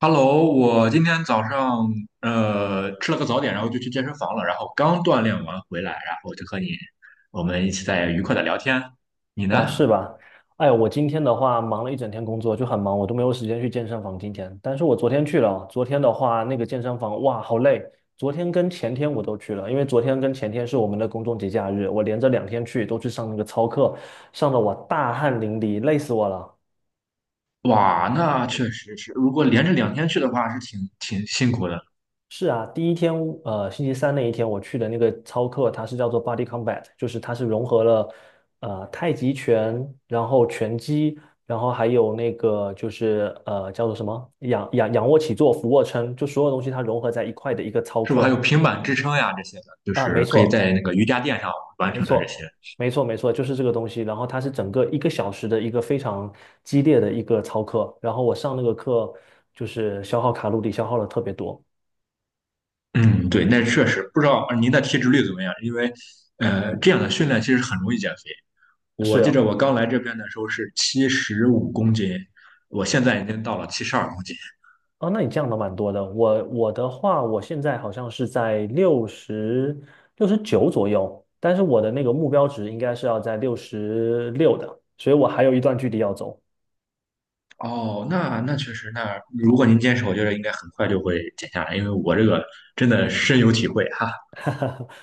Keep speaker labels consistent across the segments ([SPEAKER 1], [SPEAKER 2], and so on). [SPEAKER 1] Hello，我今天早上吃了个早点，然后就去健身房了，然后刚锻炼完回来，然后就和你我们一起在愉快的聊天。你
[SPEAKER 2] 哦，
[SPEAKER 1] 呢？
[SPEAKER 2] 是吧？哎我今天的话忙了一整天工作，就很忙，我都没有时间去健身房今天。但是我昨天去了，昨天的话那个健身房，哇，好累。昨天跟前天我都去了，因为昨天跟前天是我们的公众节假日，我连着2天去，都去上那个操课，上的我大汗淋漓，累死我了。
[SPEAKER 1] 哇，那确实是，如果连着两天去的话，是挺辛苦的，
[SPEAKER 2] 是啊，第一天，星期三那一天我去的那个操课，它是叫做 Body Combat，就是它是融合了太极拳，然后拳击，然后还有那个就是叫做什么仰卧起坐、俯卧撑，就所有东西它融合在一块的一个操
[SPEAKER 1] 是不是？还有
[SPEAKER 2] 课。
[SPEAKER 1] 平板支撑呀这些的，就
[SPEAKER 2] 啊，没
[SPEAKER 1] 是可以在
[SPEAKER 2] 错，
[SPEAKER 1] 那个瑜伽垫上完
[SPEAKER 2] 没
[SPEAKER 1] 成的这些。
[SPEAKER 2] 错，没错，没错，就是这个东西。然后它是整个1个小时的一个非常激烈的一个操课，然后我上那个课就是消耗卡路里消耗了特别多。
[SPEAKER 1] 嗯，对，那确实不知道您的体脂率怎么样，因为这样的训练其实很容易减肥。我
[SPEAKER 2] 是
[SPEAKER 1] 记
[SPEAKER 2] 啊。
[SPEAKER 1] 着我刚来这边的时候是七十五公斤，我现在已经到了七十二公斤。
[SPEAKER 2] 哦，那你降的蛮多的。我的话，我现在好像是在六十九左右，但是我的那个目标值应该是要在六十六的，所以我还有一段距离要走。
[SPEAKER 1] 哦，那那确实，那如果您坚持，我觉得应该很快就会减下来，因为我这个真的深有体会哈。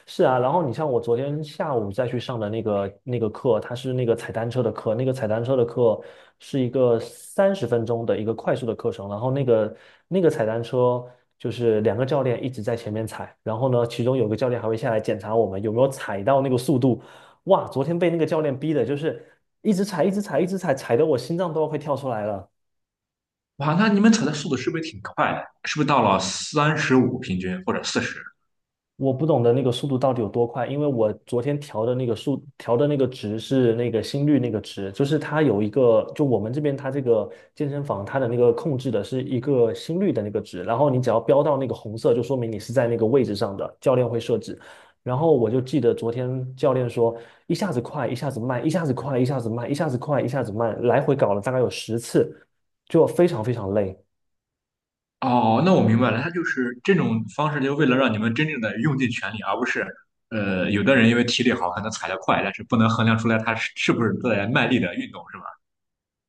[SPEAKER 2] 是啊，然后你像我昨天下午再去上的那个课，它是那个踩单车的课，那个踩单车的课是一个三十分钟的一个快速的课程，然后那个踩单车就是两个教练一直在前面踩，然后呢，其中有个教练还会下来检查我们有没有踩到那个速度。哇，昨天被那个教练逼的，就是一直踩，一直踩，一直踩，踩得我心脏都要快跳出来了。
[SPEAKER 1] 哇，那你们踩的速度是不是挺快的？是不是到了三十五平均或者四十？
[SPEAKER 2] 我不懂得那个速度到底有多快，因为我昨天调的那个调的那个值是那个心率那个值，就是它有一个，就我们这边它这个健身房它的那个控制的是一个心率的那个值，然后你只要飙到那个红色，就说明你是在那个位置上的，教练会设置。然后我就记得昨天教练说，一下子快，一下子慢，一下子快，一下子慢，一下子快，一下子慢，来回搞了大概有10次，就非常非常累。
[SPEAKER 1] 哦，那我明白了，他就是这种方式，就为了让你们真正的用尽全力，而不是，有的人因为体力好，可能踩得快，但是不能衡量出来他是不是在卖力的运动，是吧？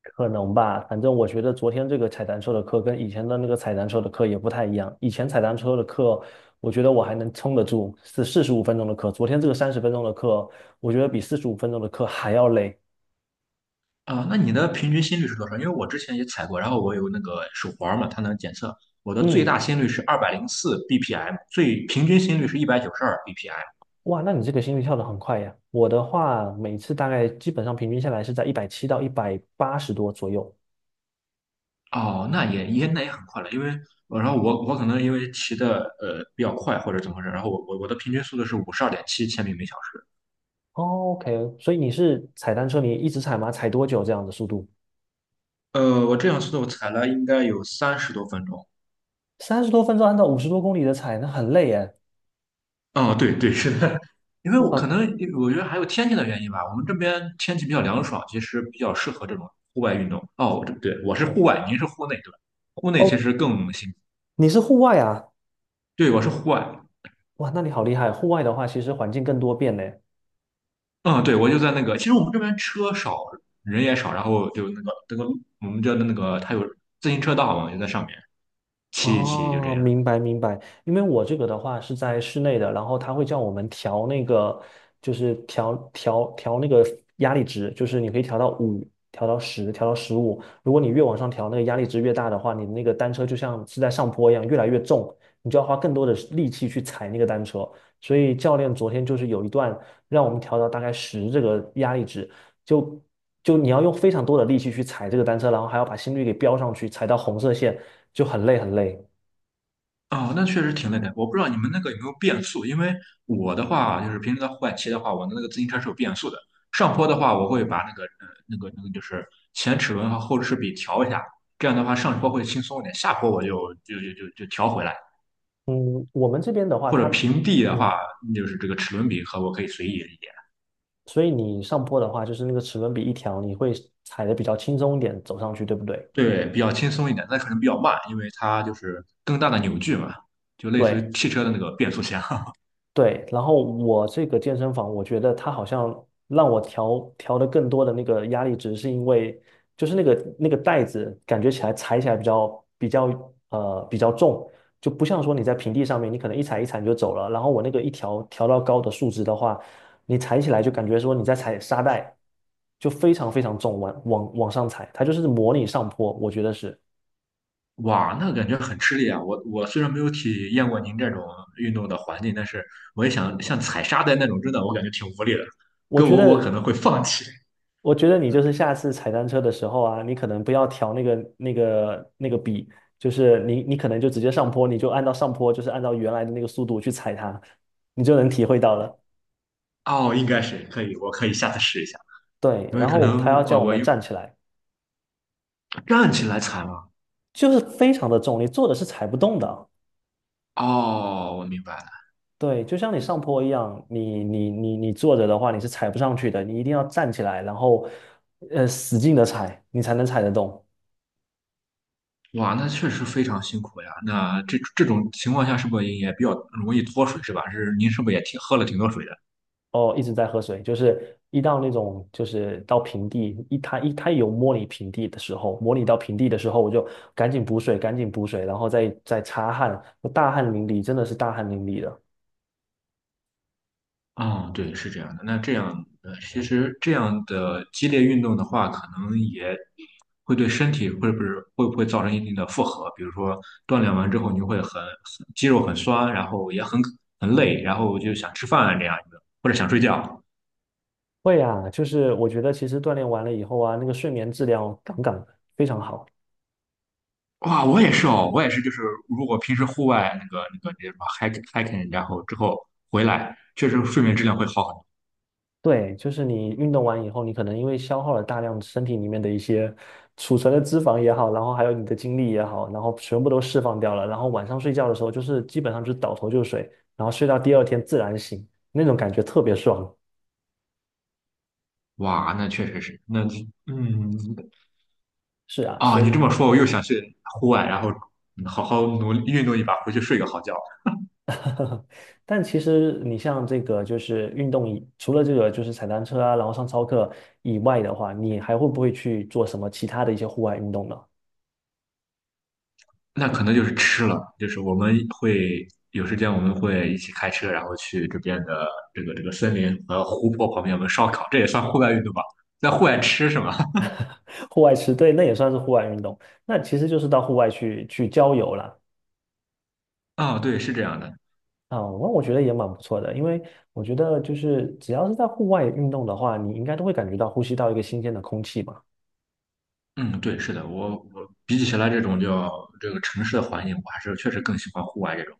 [SPEAKER 2] 可能吧，反正我觉得昨天这个踩单车的课跟以前的那个踩单车的课也不太一样。以前踩单车的课，我觉得我还能撑得住，是四十五分钟的课。昨天这个三十分钟的课，我觉得比四十五分钟的课还要累。
[SPEAKER 1] 啊，那你的平均心率是多少？因为我之前也踩过，然后我有那个手环儿嘛，它能检测我的最
[SPEAKER 2] 嗯。
[SPEAKER 1] 大心率是二百零四 BPM，最平均心率是一百九十二 BPM。
[SPEAKER 2] 哇，那你这个心率跳得很快呀。我的话，每次大概基本上平均下来是在170到180多左右。
[SPEAKER 1] 哦，那也很快了，因为然后我可能因为骑的比较快或者怎么回事，然后我的平均速度是五十二点七千米每小时。
[SPEAKER 2] 哦 OK,所以你是踩单车，你一直踩吗？踩多久这样的速度？
[SPEAKER 1] 我这样速度我踩了应该有三十多分钟。
[SPEAKER 2] 30多分钟按照50多公里的踩，那很累耶。
[SPEAKER 1] 哦，对，是的，因为我可
[SPEAKER 2] 哇。
[SPEAKER 1] 能我觉得还有天气的原因吧，我们这边天气比较凉爽，其实比较适合这种户外运动。哦，我这对，我是户外，您是户内，对吧？户内其
[SPEAKER 2] 哦，
[SPEAKER 1] 实更辛苦。
[SPEAKER 2] 你是户外啊？
[SPEAKER 1] 对，我是户外。
[SPEAKER 2] 哇，那你好厉害！户外的话，其实环境更多变呢。
[SPEAKER 1] 嗯，对，我就在那个，其实我们这边车少，人也少，然后就那个我们叫那个，它有自行车道嘛，就在上面骑一骑，就这
[SPEAKER 2] 哦，
[SPEAKER 1] 样。
[SPEAKER 2] 明白明白。因为我这个的话是在室内的，然后他会叫我们调那个，就是调那个压力值，就是你可以调到五，调到十，调到十五。如果你越往上调，那个压力值越大的话，你那个单车就像是在上坡一样，越来越重，你就要花更多的力气去踩那个单车。所以教练昨天就是有一段让我们调到大概十这个压力值，就就你要用非常多的力气去踩这个单车，然后还要把心率给飙上去，踩到红色线就很累很累。
[SPEAKER 1] 哦，那确实挺累的。我不知道你们那个有没有变速，因为我的话就是平时在户外骑的话，我的那个自行车是有变速的。上坡的话，我会把那个那个就是前齿轮和后齿比调一下，这样的话上坡会轻松一点，下坡我就调回来。
[SPEAKER 2] 嗯，我们这边的话，
[SPEAKER 1] 或者平地的话，
[SPEAKER 2] 嗯，
[SPEAKER 1] 就是这个齿轮比和我可以随意一点，
[SPEAKER 2] 所以你上坡的话，就是那个齿轮比一条，你会踩的比较轻松一点走上去，对不对？
[SPEAKER 1] 对，比较轻松一点，但可能比较慢，因为它就是更大的扭矩嘛，就类似
[SPEAKER 2] 对，
[SPEAKER 1] 于汽车的那个变速箱。
[SPEAKER 2] 对，然后我这个健身房，我觉得它好像让我调的更多的那个压力值，是因为就是那个袋子感觉起来踩起来比较比较重，就不像说你在平地上面，你可能一踩一踩你就走了。然后我那个调到高的数值的话，你踩起来就感觉说你在踩沙袋，就非常非常重，往上踩，它就是模拟上坡，我觉得是，
[SPEAKER 1] 哇，那感觉很吃力啊！我虽然没有体验过您这种运动的环境，但是我也想像踩沙袋那种，真的我感觉挺无力的。
[SPEAKER 2] 我
[SPEAKER 1] 跟
[SPEAKER 2] 觉
[SPEAKER 1] 我可
[SPEAKER 2] 得。
[SPEAKER 1] 能会放弃。
[SPEAKER 2] 我觉得你就是下次踩单车的时候啊，你可能不要调那个笔，就是你可能就直接上坡，你就按照上坡，就是按照原来的那个速度去踩它，你就能体会到了。
[SPEAKER 1] 哦，应该是可以，我可以下次试一下，
[SPEAKER 2] 对，
[SPEAKER 1] 因为
[SPEAKER 2] 然
[SPEAKER 1] 可
[SPEAKER 2] 后他
[SPEAKER 1] 能
[SPEAKER 2] 要叫我
[SPEAKER 1] 我
[SPEAKER 2] 们
[SPEAKER 1] 又
[SPEAKER 2] 站起来，
[SPEAKER 1] 站起来踩嘛。
[SPEAKER 2] 就是非常的重力，坐着是踩不动的。
[SPEAKER 1] 哦，我明白了。
[SPEAKER 2] 对，就像你上坡一样，你坐着的话，你是踩不上去的，你一定要站起来，然后使劲的踩，你才能踩得动。
[SPEAKER 1] 哇，那确实非常辛苦呀。那这种情况下是不是也比较容易脱水是吧？是您是不是也挺喝了挺多水的？
[SPEAKER 2] 哦，一直在喝水，就是一到那种就是到平地，一它有模拟平地的时候，模拟到平地的时候，我就赶紧补水，赶紧补水，然后再擦汗，我大汗淋漓，真的是大汗淋漓的。
[SPEAKER 1] 啊，对，是这样的。那这样，其实这样的激烈运动的话，可能也会对身体会不会造成一定的负荷？比如说锻炼完之后，你会很肌肉很酸，然后也很累，然后就想吃饭这样一个，或者想睡觉。
[SPEAKER 2] 会啊，就是我觉得其实锻炼完了以后啊，那个睡眠质量杠杠的，非常好。
[SPEAKER 1] 哇，我也是哦，我也是，就是如果平时户外那个什么 hike hiking，然后之后回来，确实睡眠质量会好很多。
[SPEAKER 2] 对，就是你运动完以后，你可能因为消耗了大量身体里面的一些储存的脂肪也好，然后还有你的精力也好，然后全部都释放掉了，然后晚上睡觉的时候就是基本上就是倒头就睡，然后睡到第二天自然醒，那种感觉特别爽。
[SPEAKER 1] 哇，那确实是，那嗯，
[SPEAKER 2] 是啊，
[SPEAKER 1] 啊，
[SPEAKER 2] 所
[SPEAKER 1] 你这
[SPEAKER 2] 以，
[SPEAKER 1] 么说，我又想去户外，然后嗯好好努力运动一把，回去睡个好觉。
[SPEAKER 2] 但其实你像这个就是运动以，除了这个就是踩单车啊，然后上操课以外的话，你还会不会去做什么其他的一些户外运动呢？
[SPEAKER 1] 那可能就是吃了，就是我们会有时间，我们会一起开车，然后去这边的这个森林和湖泊旁边，我们烧烤，这也算户外运动吧？在户外吃是吗？
[SPEAKER 2] 户外吃，对，那也算是户外运动。那其实就是到户外去郊游了。
[SPEAKER 1] 啊，对，是这样的。
[SPEAKER 2] 啊，那我觉得也蛮不错的，因为我觉得就是只要是在户外运动的话，你应该都会感觉到呼吸到一个新鲜的空气嘛。
[SPEAKER 1] 嗯，对，是的，我比起来这种叫这个城市的环境，我还是确实更喜欢户外这种。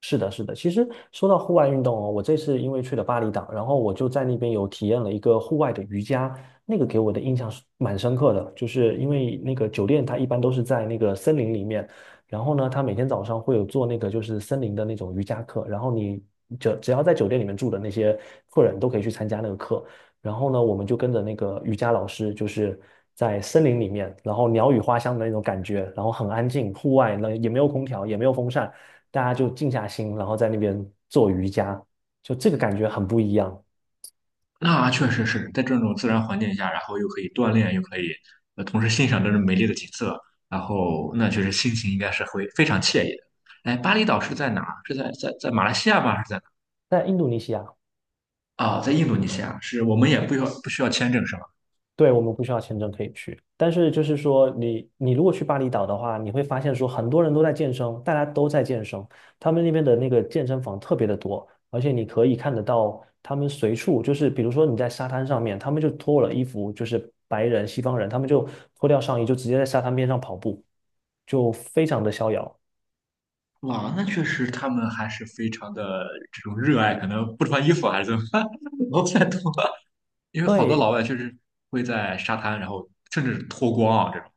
[SPEAKER 2] 是的，是的。其实说到户外运动哦，我这次因为去了巴厘岛，然后我就在那边有体验了一个户外的瑜伽，那个给我的印象是蛮深刻的，就是因为那个酒店它一般都是在那个森林里面，然后呢，它每天早上会有做那个就是森林的那种瑜伽课，然后你就只要在酒店里面住的那些客人都可以去参加那个课。然后呢，我们就跟着那个瑜伽老师，就是在森林里面，然后鸟语花香的那种感觉，然后很安静，户外呢也没有空调，也没有风扇，大家就静下心，然后在那边做瑜伽，就这个感觉很不一样。
[SPEAKER 1] 那确实是在这种自然环境下，然后又可以锻炼，又可以同时欣赏这种美丽的景色，然后那确实心情应该是会非常惬意的。哎，巴厘岛是在哪儿？是在在马来西亚吗？还是在
[SPEAKER 2] 在印度尼西亚，
[SPEAKER 1] 哪儿？啊、在印度尼西亚，是我们也不需要签证是吧？
[SPEAKER 2] 对，我们不需要签证可以去，但是就是说你，你如果去巴厘岛的话，你会发现说很多人都在健身，大家都在健身，他们那边的那个健身房特别的多，而且你可以看得到他们随处就是，比如说你在沙滩上面，他们就脱了衣服，就是白人、西方人，他们就脱掉上衣，就直接在沙滩边上跑步，就非常的逍遥。
[SPEAKER 1] 哇，那确实他们还是非常的这种热爱，可能不穿衣服还是怎么办？我不太懂啊，因为好多
[SPEAKER 2] 对，
[SPEAKER 1] 老外确实会在沙滩，然后甚至脱光啊这种。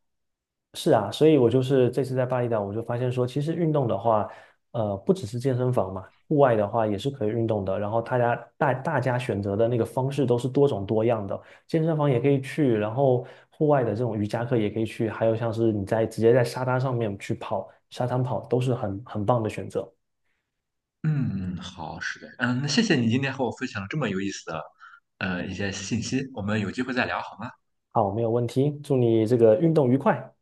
[SPEAKER 2] 是啊，所以我就是这次在巴厘岛，我就发现说，其实运动的话，不只是健身房嘛，户外的话也是可以运动的。然后大大家选择的那个方式都是多种多样的，健身房也可以去，然后户外的这种瑜伽课也可以去，还有像是你在直接在沙滩上面去跑，沙滩跑都是很棒的选择。
[SPEAKER 1] 嗯，嗯好，是的，嗯，那谢谢你今天和我分享了这么有意思的一些信息，我们有机会再聊好吗？
[SPEAKER 2] 好，没有问题，祝你这个运动愉快。